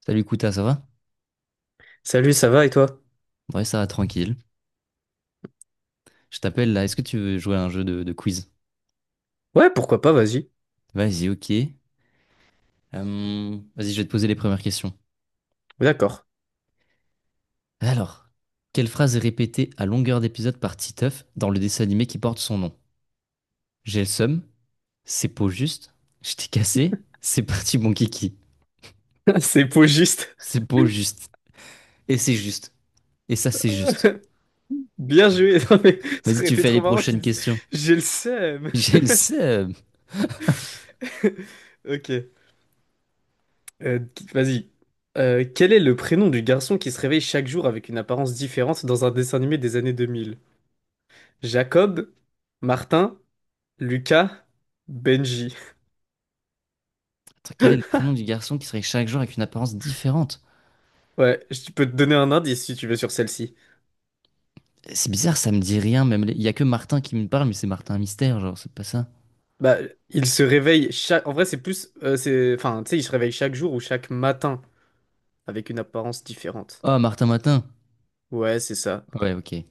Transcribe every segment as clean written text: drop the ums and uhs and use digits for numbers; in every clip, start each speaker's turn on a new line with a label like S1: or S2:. S1: Salut Kouta, ça va?
S2: Salut, ça va et toi?
S1: Ouais, ça va tranquille. Je t'appelle là, est-ce que tu veux jouer à un jeu de quiz?
S2: Ouais, pourquoi pas, vas-y.
S1: Vas-y, ok. Vas-y, je vais te poser les premières questions.
S2: D'accord.
S1: Alors, quelle phrase est répétée à longueur d'épisode par Titeuf dans le dessin animé qui porte son nom? J'ai le seum, c'est pas juste, je t'ai cassé, c'est parti mon kiki.
S2: C'est pogiste.
S1: C'est pas juste, et c'est juste, et ça c'est juste.
S2: Bien joué. Non, mais ça
S1: Vas-y,
S2: aurait
S1: tu
S2: été
S1: fais
S2: trop
S1: les
S2: marrant qu'ils
S1: prochaines
S2: disent
S1: questions.
S2: j'ai le seum.
S1: J'ai le seum.
S2: Ok. Qui- vas-y. Quel est le prénom du garçon qui se réveille chaque jour avec une apparence différente dans un dessin animé des années deux mille? Jacob, Martin, Lucas, Benji.
S1: Attends, quel est le prénom du garçon qui serait chaque jour avec une apparence différente?
S2: Ouais, je peux te donner un indice si tu veux sur celle-ci.
S1: C'est bizarre, ça me dit rien. Il y a que Martin qui me parle, mais c'est Martin Mystère, genre c'est pas ça.
S2: Bah, il se réveille chaque. En vrai, c'est plus. C'est... Enfin, tu sais, il se réveille chaque jour ou chaque matin, avec une apparence différente.
S1: Ah, Martin Matin.
S2: Ouais, c'est ça.
S1: Ouais, ok. Mais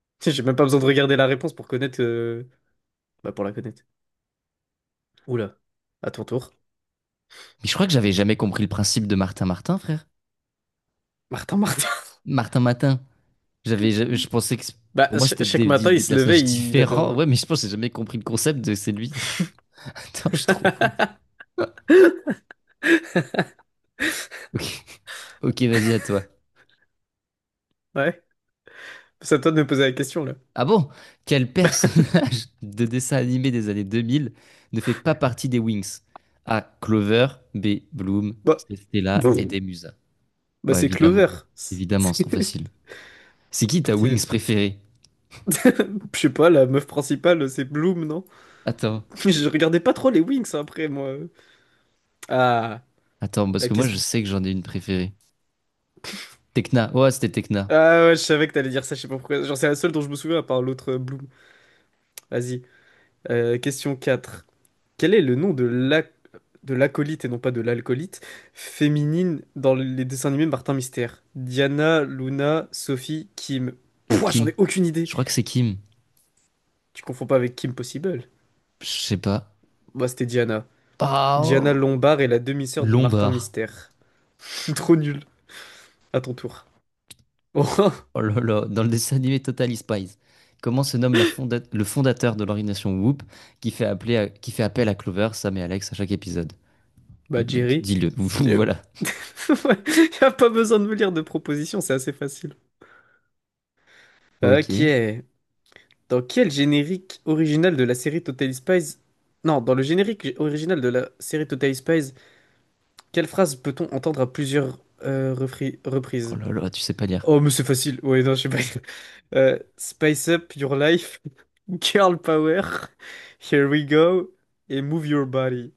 S2: J'ai même pas besoin de regarder la réponse pour connaître. Bah, pour la connaître. Oula, à ton tour.
S1: je crois que j'avais jamais compris le principe de Martin Martin, frère.
S2: Martin, Martin.
S1: Martin Matin. Je pensais
S2: Bah,
S1: pour moi c'était
S2: chaque matin, il
S1: des
S2: se levait,
S1: personnages
S2: il avait
S1: différents.
S2: un.
S1: Ouais, mais je pense que j'ai jamais compris le concept de c'est lui. Attends, je suis trop bête. Ok, ok, vas-y à toi.
S2: Ouais, c'est à toi de me poser la question, là.
S1: Ah bon? Quel personnage de dessin animé des années 2000 ne fait pas partie des Wings? A. Clover, B. Bloom,
S2: Bah,
S1: C. Stella et
S2: bon,
S1: D. Musa.
S2: bah
S1: Bah
S2: c'est Clover.
S1: évidemment,
S2: C'est
S1: évidemment, c'est trop
S2: c'est
S1: facile. C'est qui ta
S2: partie
S1: Wings
S2: des.
S1: préférée?
S2: Je sais pas, la meuf principale, c'est Bloom, non?
S1: Attends,
S2: Je regardais pas trop les Wings après, moi. Ah,
S1: attends, parce
S2: la
S1: que moi je
S2: question.
S1: sais que j'en ai une préférée. Tekna, ouais c'était Tekna.
S2: Ah ouais, je savais que t'allais dire ça, je sais pas pourquoi. Genre, c'est la seule dont je me souviens à part l'autre Bloom. Vas-y. Question 4. Quel est le nom de de l'acolyte, et non pas de l'alcoolite, féminine dans les dessins animés Martin Mystère? Diana, Luna, Sophie, Kim.
S1: C'est
S2: Pouah, j'en
S1: Kim.
S2: ai aucune idée.
S1: Je crois que c'est Kim.
S2: Tu confonds pas avec Kim Possible?
S1: Je sais pas.
S2: Moi, c'était Diana.
S1: Ah,
S2: Diana
S1: oh.
S2: Lombard est la demi-sœur de Martin
S1: Lombard.
S2: Mystère. Trop nul. À ton tour. Oh,
S1: Oh là là, dans le dessin animé Totally Spies. Comment se nomme le fondateur de l'organisation Whoop qui fait appel à Clover, Sam et Alex à chaque épisode? Euh,
S2: bah Jerry.
S1: Dis-le, voilà.
S2: Y a pas besoin de me lire de propositions, c'est assez facile.
S1: Ok.
S2: Ok. Dans quel générique original de la série Totally Spies... Non, dans le générique original de la série Totally Spies, quelle phrase peut-on entendre à plusieurs
S1: Oh
S2: reprises?
S1: là là, tu sais pas lire.
S2: Oh, mais c'est facile. Ouais, non, je sais pas. Spice up your life, girl power, here we go, et move your body.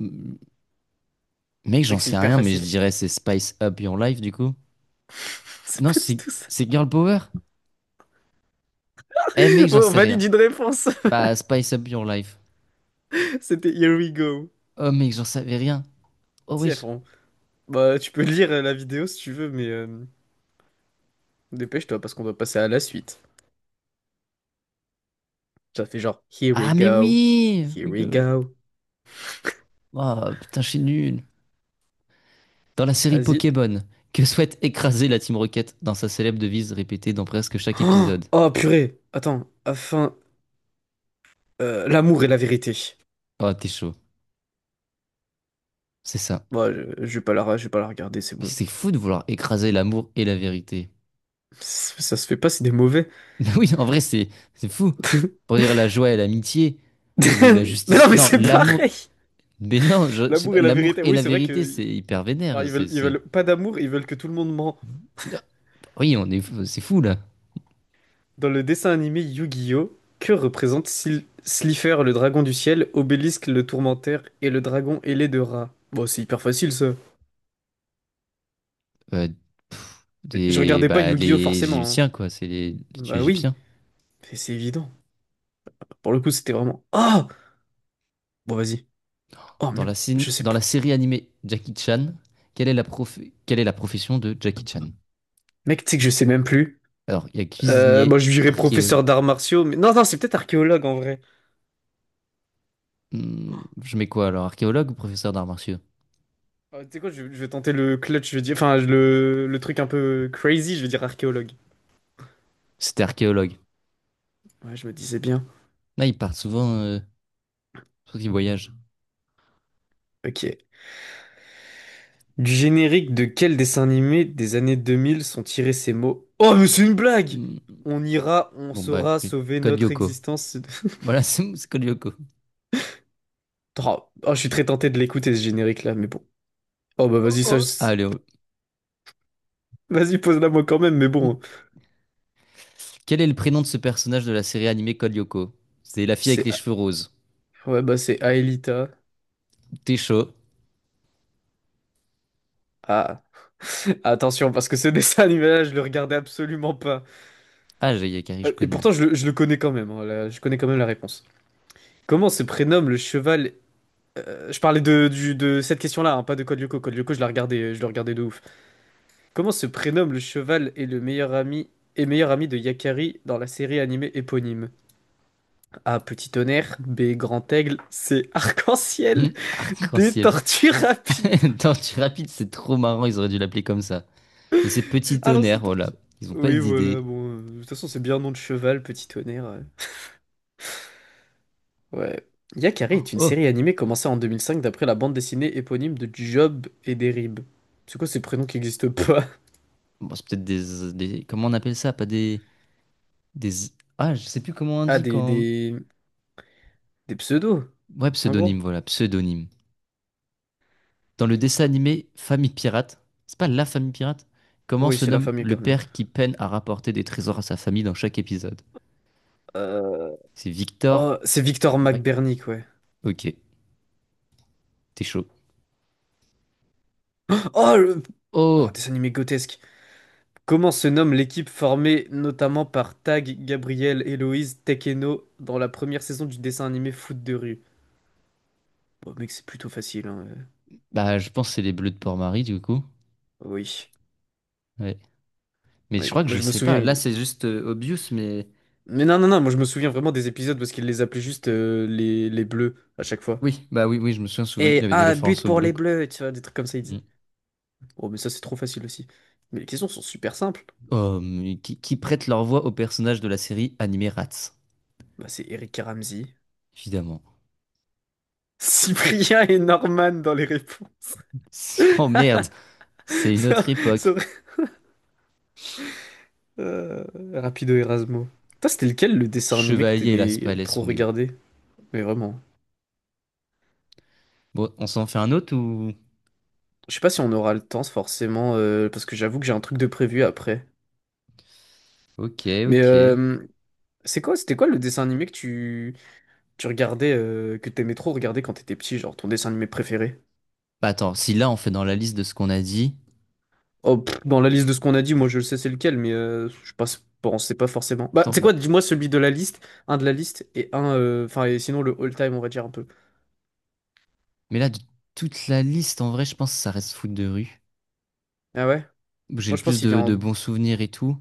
S1: M- Mec, j'en
S2: Mec, c'est
S1: sais
S2: hyper
S1: rien, mais je
S2: facile.
S1: dirais c'est Spice Up Your Life du coup.
S2: C'est
S1: Non,
S2: pas du
S1: c'est
S2: tout ça.
S1: c'est Girl Power? Eh mec, j'en
S2: Bon, on
S1: sais
S2: valide
S1: rien.
S2: une réponse.
S1: Bah, Spice Up Your Life.
S2: C'était here we go.
S1: Oh mec, j'en savais rien. Oh
S2: Si, elles
S1: wesh.
S2: font- Bah, tu peux lire la vidéo si tu veux, mais dépêche-toi parce qu'on doit passer à la suite. Ça fait genre, here we
S1: Ah mais
S2: go,
S1: oui!
S2: here
S1: We
S2: we
S1: go.
S2: go.
S1: Oh putain, je suis nul. Dans la série
S2: Vas-y.
S1: Pokémon, que souhaite écraser la Team Rocket dans sa célèbre devise répétée dans presque chaque
S2: Oh,
S1: épisode?
S2: oh, purée. Attends, afin... l'amour et la vérité.
S1: Oh, t'es chaud. C'est ça.
S2: Moi, je vais pas la, je vais pas la regarder, c'est bon.
S1: C'est fou de vouloir écraser l'amour et la vérité.
S2: Ça se fait pas, c'est des mauvais.
S1: Oui, en vrai, c'est fou. Pour dire la joie et l'amitié, ou la
S2: Mais non,
S1: justice.
S2: mais
S1: Non,
S2: c'est
S1: l'amour.
S2: pareil.
S1: Mais non, je sais
S2: L'amour
S1: pas,
S2: et la
S1: l'amour
S2: vérité.
S1: et
S2: Oui,
S1: la
S2: c'est vrai
S1: vérité, c'est
S2: que...
S1: hyper
S2: alors,
S1: vénère.
S2: ils veulent pas d'amour, ils veulent que tout le monde ment.
S1: Ah, oui, c'est fou là.
S2: Dans le dessin animé Yu-Gi-Oh! Que représente Slifer, le dragon du ciel, Obélisque, le tourmentaire et le dragon ailé de rat? Bon, c'est hyper facile ça.
S1: Euh,
S2: Je
S1: des,
S2: regardais pas
S1: bah,
S2: Yu-Gi-Oh!
S1: les
S2: forcément, hein.
S1: Égyptiens, quoi, c'est les tués
S2: Bah oui,
S1: égyptiens.
S2: c'est évident. Pour le coup, c'était vraiment. Oh! Bon, vas-y. Oh, mais je sais
S1: Dans
S2: pas.
S1: la série animée Jackie Chan, quelle est la prof- quelle est la profession de Jackie Chan?
S2: Mec, tu sais que je sais même plus.
S1: Alors, il y a
S2: Moi,
S1: cuisinier,
S2: je dirais
S1: archéologue.
S2: professeur d'arts martiaux, mais non, c'est peut-être archéologue en vrai.
S1: Hmm, je mets quoi alors? Archéologue ou professeur d'arts martiaux?
S2: Ah, tu sais quoi, je vais tenter le clutch, je vais dire. Enfin, le truc un peu crazy, je vais dire archéologue.
S1: C'était archéologue.
S2: Ouais, je me disais bien.
S1: Là, ils partent souvent, surtout qu'ils voyagent.
S2: Ok. Du générique de quel dessin animé des années 2000 sont tirés ces mots? Oh, mais c'est une blague!
S1: Hmm,
S2: On ira, on
S1: bon, bah,
S2: saura
S1: oui.
S2: sauver
S1: Code
S2: notre
S1: Lyoko.
S2: existence.
S1: Voilà, c'est Code Lyoko.
S2: Oh, oh, je suis très tenté de l'écouter ce générique-là, mais bon. Oh bah
S1: Oh,
S2: vas-y, ça.
S1: oh. Allez, oh.
S2: Vas-y, pose-la moi quand même, mais bon.
S1: Quel est le prénom de ce personnage de la série animée Code Lyoko? C'est la fille avec
S2: C'est,
S1: les cheveux roses.
S2: ouais, bah c'est Aelita.
S1: T'es chaud.
S2: Ah, attention, parce que ce dessin animé-là, je le regardais absolument pas.
S1: Ah, j'ai Yakari, je
S2: Et
S1: connais.
S2: pourtant, je le connais quand même, hein, je connais quand même la réponse. Comment se prénomme le cheval... Je parlais de, de cette question-là, hein, pas de Code Lyoko. Code Lyoko, je le regardais de ouf. Comment se prénomme le cheval et le meilleur ami... Et meilleur ami de Yakari dans la série animée éponyme. A. Petit tonnerre. B. Grand aigle. C.
S1: Hmm,
S2: Arc-en-ciel. D.
S1: arc-en-ciel.
S2: Tortue rapide.
S1: Tortue rapide, c'est trop marrant, ils auraient dû l'appeler comme ça. Mais c'est Petit Tonnerre,
S2: Allons-y,
S1: voilà.
S2: tortue.
S1: Ils ont pas
S2: Oui, voilà,
S1: d'idée.
S2: bon. De toute façon, c'est bien un nom de cheval, petit tonnerre. Ouais. Yakari est une
S1: Oh,
S2: série animée commencée en 2005 d'après la bande dessinée éponyme de Job et Derib. C'est quoi ces prénoms qui n'existent pas?
S1: bon, c'est peut-être Comment on appelle ça? Pas des... des... Ah, je sais plus comment on
S2: Ah,
S1: dit quand...
S2: des pseudos,
S1: Ouais,
S2: en gros.
S1: pseudonyme, voilà, pseudonyme. Dans le dessin animé Famille Pirate, c'est pas la famille pirate? Comment
S2: Oui,
S1: se
S2: c'est la
S1: nomme
S2: famille
S1: le
S2: permis.
S1: père qui peine à rapporter des trésors à sa famille dans chaque épisode?
S2: Euh...
S1: C'est Victor,
S2: Oh, c'est Victor
S1: ouais.
S2: McBernick, ouais.
S1: Ok, t'es chaud.
S2: Oh, le... oh,
S1: Oh,
S2: dessin animé grotesque. Comment se nomme l'équipe formée notamment par Tag, Gabriel, Héloïse, Tekeno dans la première saison du dessin animé Foot de rue? Bon, mec, c'est plutôt facile, hein.
S1: bah je pense que c'est les bleus de Port-Marie du coup.
S2: Oui,
S1: Ouais. Mais je
S2: oui.
S1: crois que
S2: Moi,
S1: je
S2: je me
S1: sais
S2: souviens.
S1: pas. Là c'est juste obvious, mais
S2: Mais non. Moi, je me souviens vraiment des épisodes parce qu'il les appelait juste les bleus à chaque fois.
S1: oui, bah oui, oui, je me souviens souvent, il y
S2: Et
S1: avait des
S2: ah, but
S1: références aux
S2: pour
S1: bleus,
S2: les
S1: quoi.
S2: bleus, tu vois, des trucs comme ça, il
S1: Mm.
S2: disait. Oh, mais ça, c'est trop facile aussi. Mais les questions sont super simples.
S1: Oh, mais qui prêtent leur voix aux personnages de la série animée Rats,
S2: Bah, c'est Eric et Ramzy,
S1: évidemment.
S2: Cyprien et Norman dans les réponses.
S1: Oh merde, c'est une autre
S2: Ça- ça
S1: époque.
S2: aurait- Euh, Rapido Erasmo. Toi, c'était lequel le dessin animé que
S1: Chevalier et Las
S2: t'aimais
S1: Palais
S2: trop
S1: on est où?
S2: regarder? Mais vraiment.
S1: Bon, on s'en fait un autre ou...
S2: Je sais pas si on aura le temps, forcément, parce que j'avoue que j'ai un truc de prévu après.
S1: Ok,
S2: Mais
S1: ok.
S2: euh, c'était quoi le dessin animé que tu regardais, que t'aimais trop regarder quand t'étais petit, genre ton dessin animé préféré?
S1: Bah attends, si là on fait dans la liste de ce qu'on a dit...
S2: Oh, pff, dans la liste de ce qu'on a dit, moi je le sais c'est lequel, mais je pense, bon, c'est pas forcément. Bah,
S1: Attends,
S2: c'est
S1: bah,
S2: quoi, dis-moi celui de la liste, un de la liste et un, enfin, et sinon le all-time, on va dire un peu.
S1: mais là de toute la liste, en vrai, je pense que ça reste foot de rue
S2: Ah ouais?
S1: où j'ai
S2: Moi
S1: le
S2: je pense
S1: plus
S2: qu'il vient
S1: de
S2: en,
S1: bons souvenirs et tout,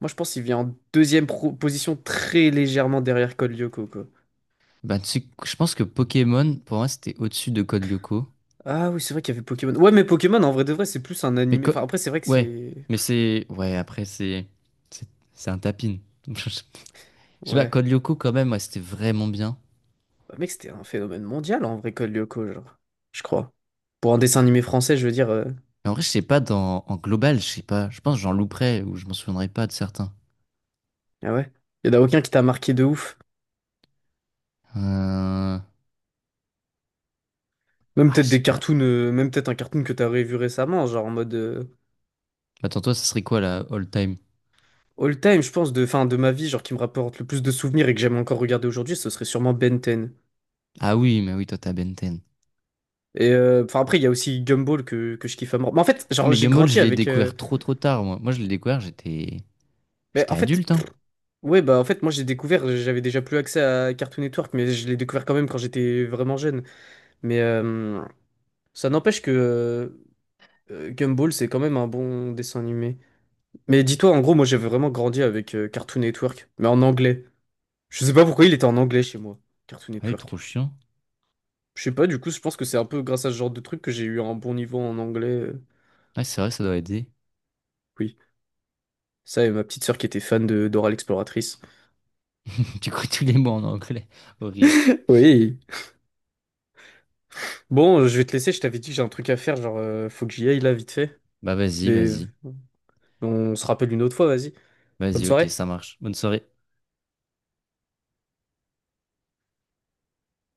S2: moi je pense qu'il vient en deuxième position très légèrement derrière Code Lyoko, quoi.
S1: bah, tu sais, je pense que Pokémon, pour moi, c'était au-dessus de Code Lyoko.
S2: Ah oui, c'est vrai qu'il y avait Pokémon. Ouais, mais Pokémon, en vrai de vrai, c'est plus un
S1: Mais
S2: animé.
S1: co-
S2: Enfin, après, c'est vrai que
S1: ouais,
S2: c'est.
S1: mais c'est... Ouais, après, c'est... C'est c'est un tapin. Je sais pas,
S2: Ouais.
S1: Code Lyoko, quand même, ouais, c'était vraiment bien.
S2: Bah, mec, c'était un phénomène mondial en vrai, Code Lyoko, genre. Je crois. Pour un dessin animé français, je veux dire.
S1: Mais en vrai, je sais pas, en global, je sais pas. Je pense que j'en louperais ou je m'en souviendrai pas de certains.
S2: Ah ouais. Y en a aucun qui t'a marqué de ouf.
S1: Euh...
S2: Même
S1: Ah, je
S2: peut-être
S1: sais
S2: des cartoons,
S1: pas.
S2: même peut-être un cartoon que t'as revu récemment, genre en mode
S1: Attends, toi, ça serait quoi, la all-time?
S2: all time, je pense, fin, de ma vie, genre qui me rapporte le plus de souvenirs et que j'aime encore regarder aujourd'hui, ce serait sûrement Ben 10.
S1: Ah oui, mais oui, toi, t'as Ben 10.
S2: Et enfin après, il y a aussi Gumball que je kiffe à mort. Mais en fait,
S1: Ah,
S2: genre
S1: mais
S2: j'ai
S1: Gumball, je
S2: grandi
S1: l'ai
S2: avec.
S1: découvert trop, trop tard, moi. Moi, je l'ai découvert, j'étais...
S2: Mais
S1: J'étais
S2: en fait,
S1: adulte, hein.
S2: ouais, bah en fait, moi j'ai découvert, j'avais déjà plus accès à Cartoon Network, mais je l'ai découvert quand même quand j'étais vraiment jeune. Mais, euh, Ça n'empêche que Gumball, c'est quand même un bon dessin animé. Mais dis-toi, en gros, moi j'avais vraiment grandi avec Cartoon Network, mais en anglais. Je sais pas pourquoi il était en anglais chez moi, Cartoon
S1: Ah oui, trop
S2: Network.
S1: chiant.
S2: Je sais pas, du coup, je pense que c'est un peu grâce à ce genre de truc que j'ai eu un bon niveau en anglais.
S1: Ouais, c'est vrai, ça doit aider.
S2: Oui, ça et ma petite sœur qui était fan de Dora l'exploratrice.
S1: Du coup, tous les mots en anglais. Horrible.
S2: Oui. Bon, je vais te laisser, je t'avais dit que j'ai un truc à faire, faut que j'y aille là, vite fait.
S1: Bah, vas-y,
S2: Mais
S1: vas-y.
S2: on se rappelle une autre fois, vas-y. Bonne
S1: Vas-y, ok,
S2: soirée.
S1: ça marche. Bonne soirée.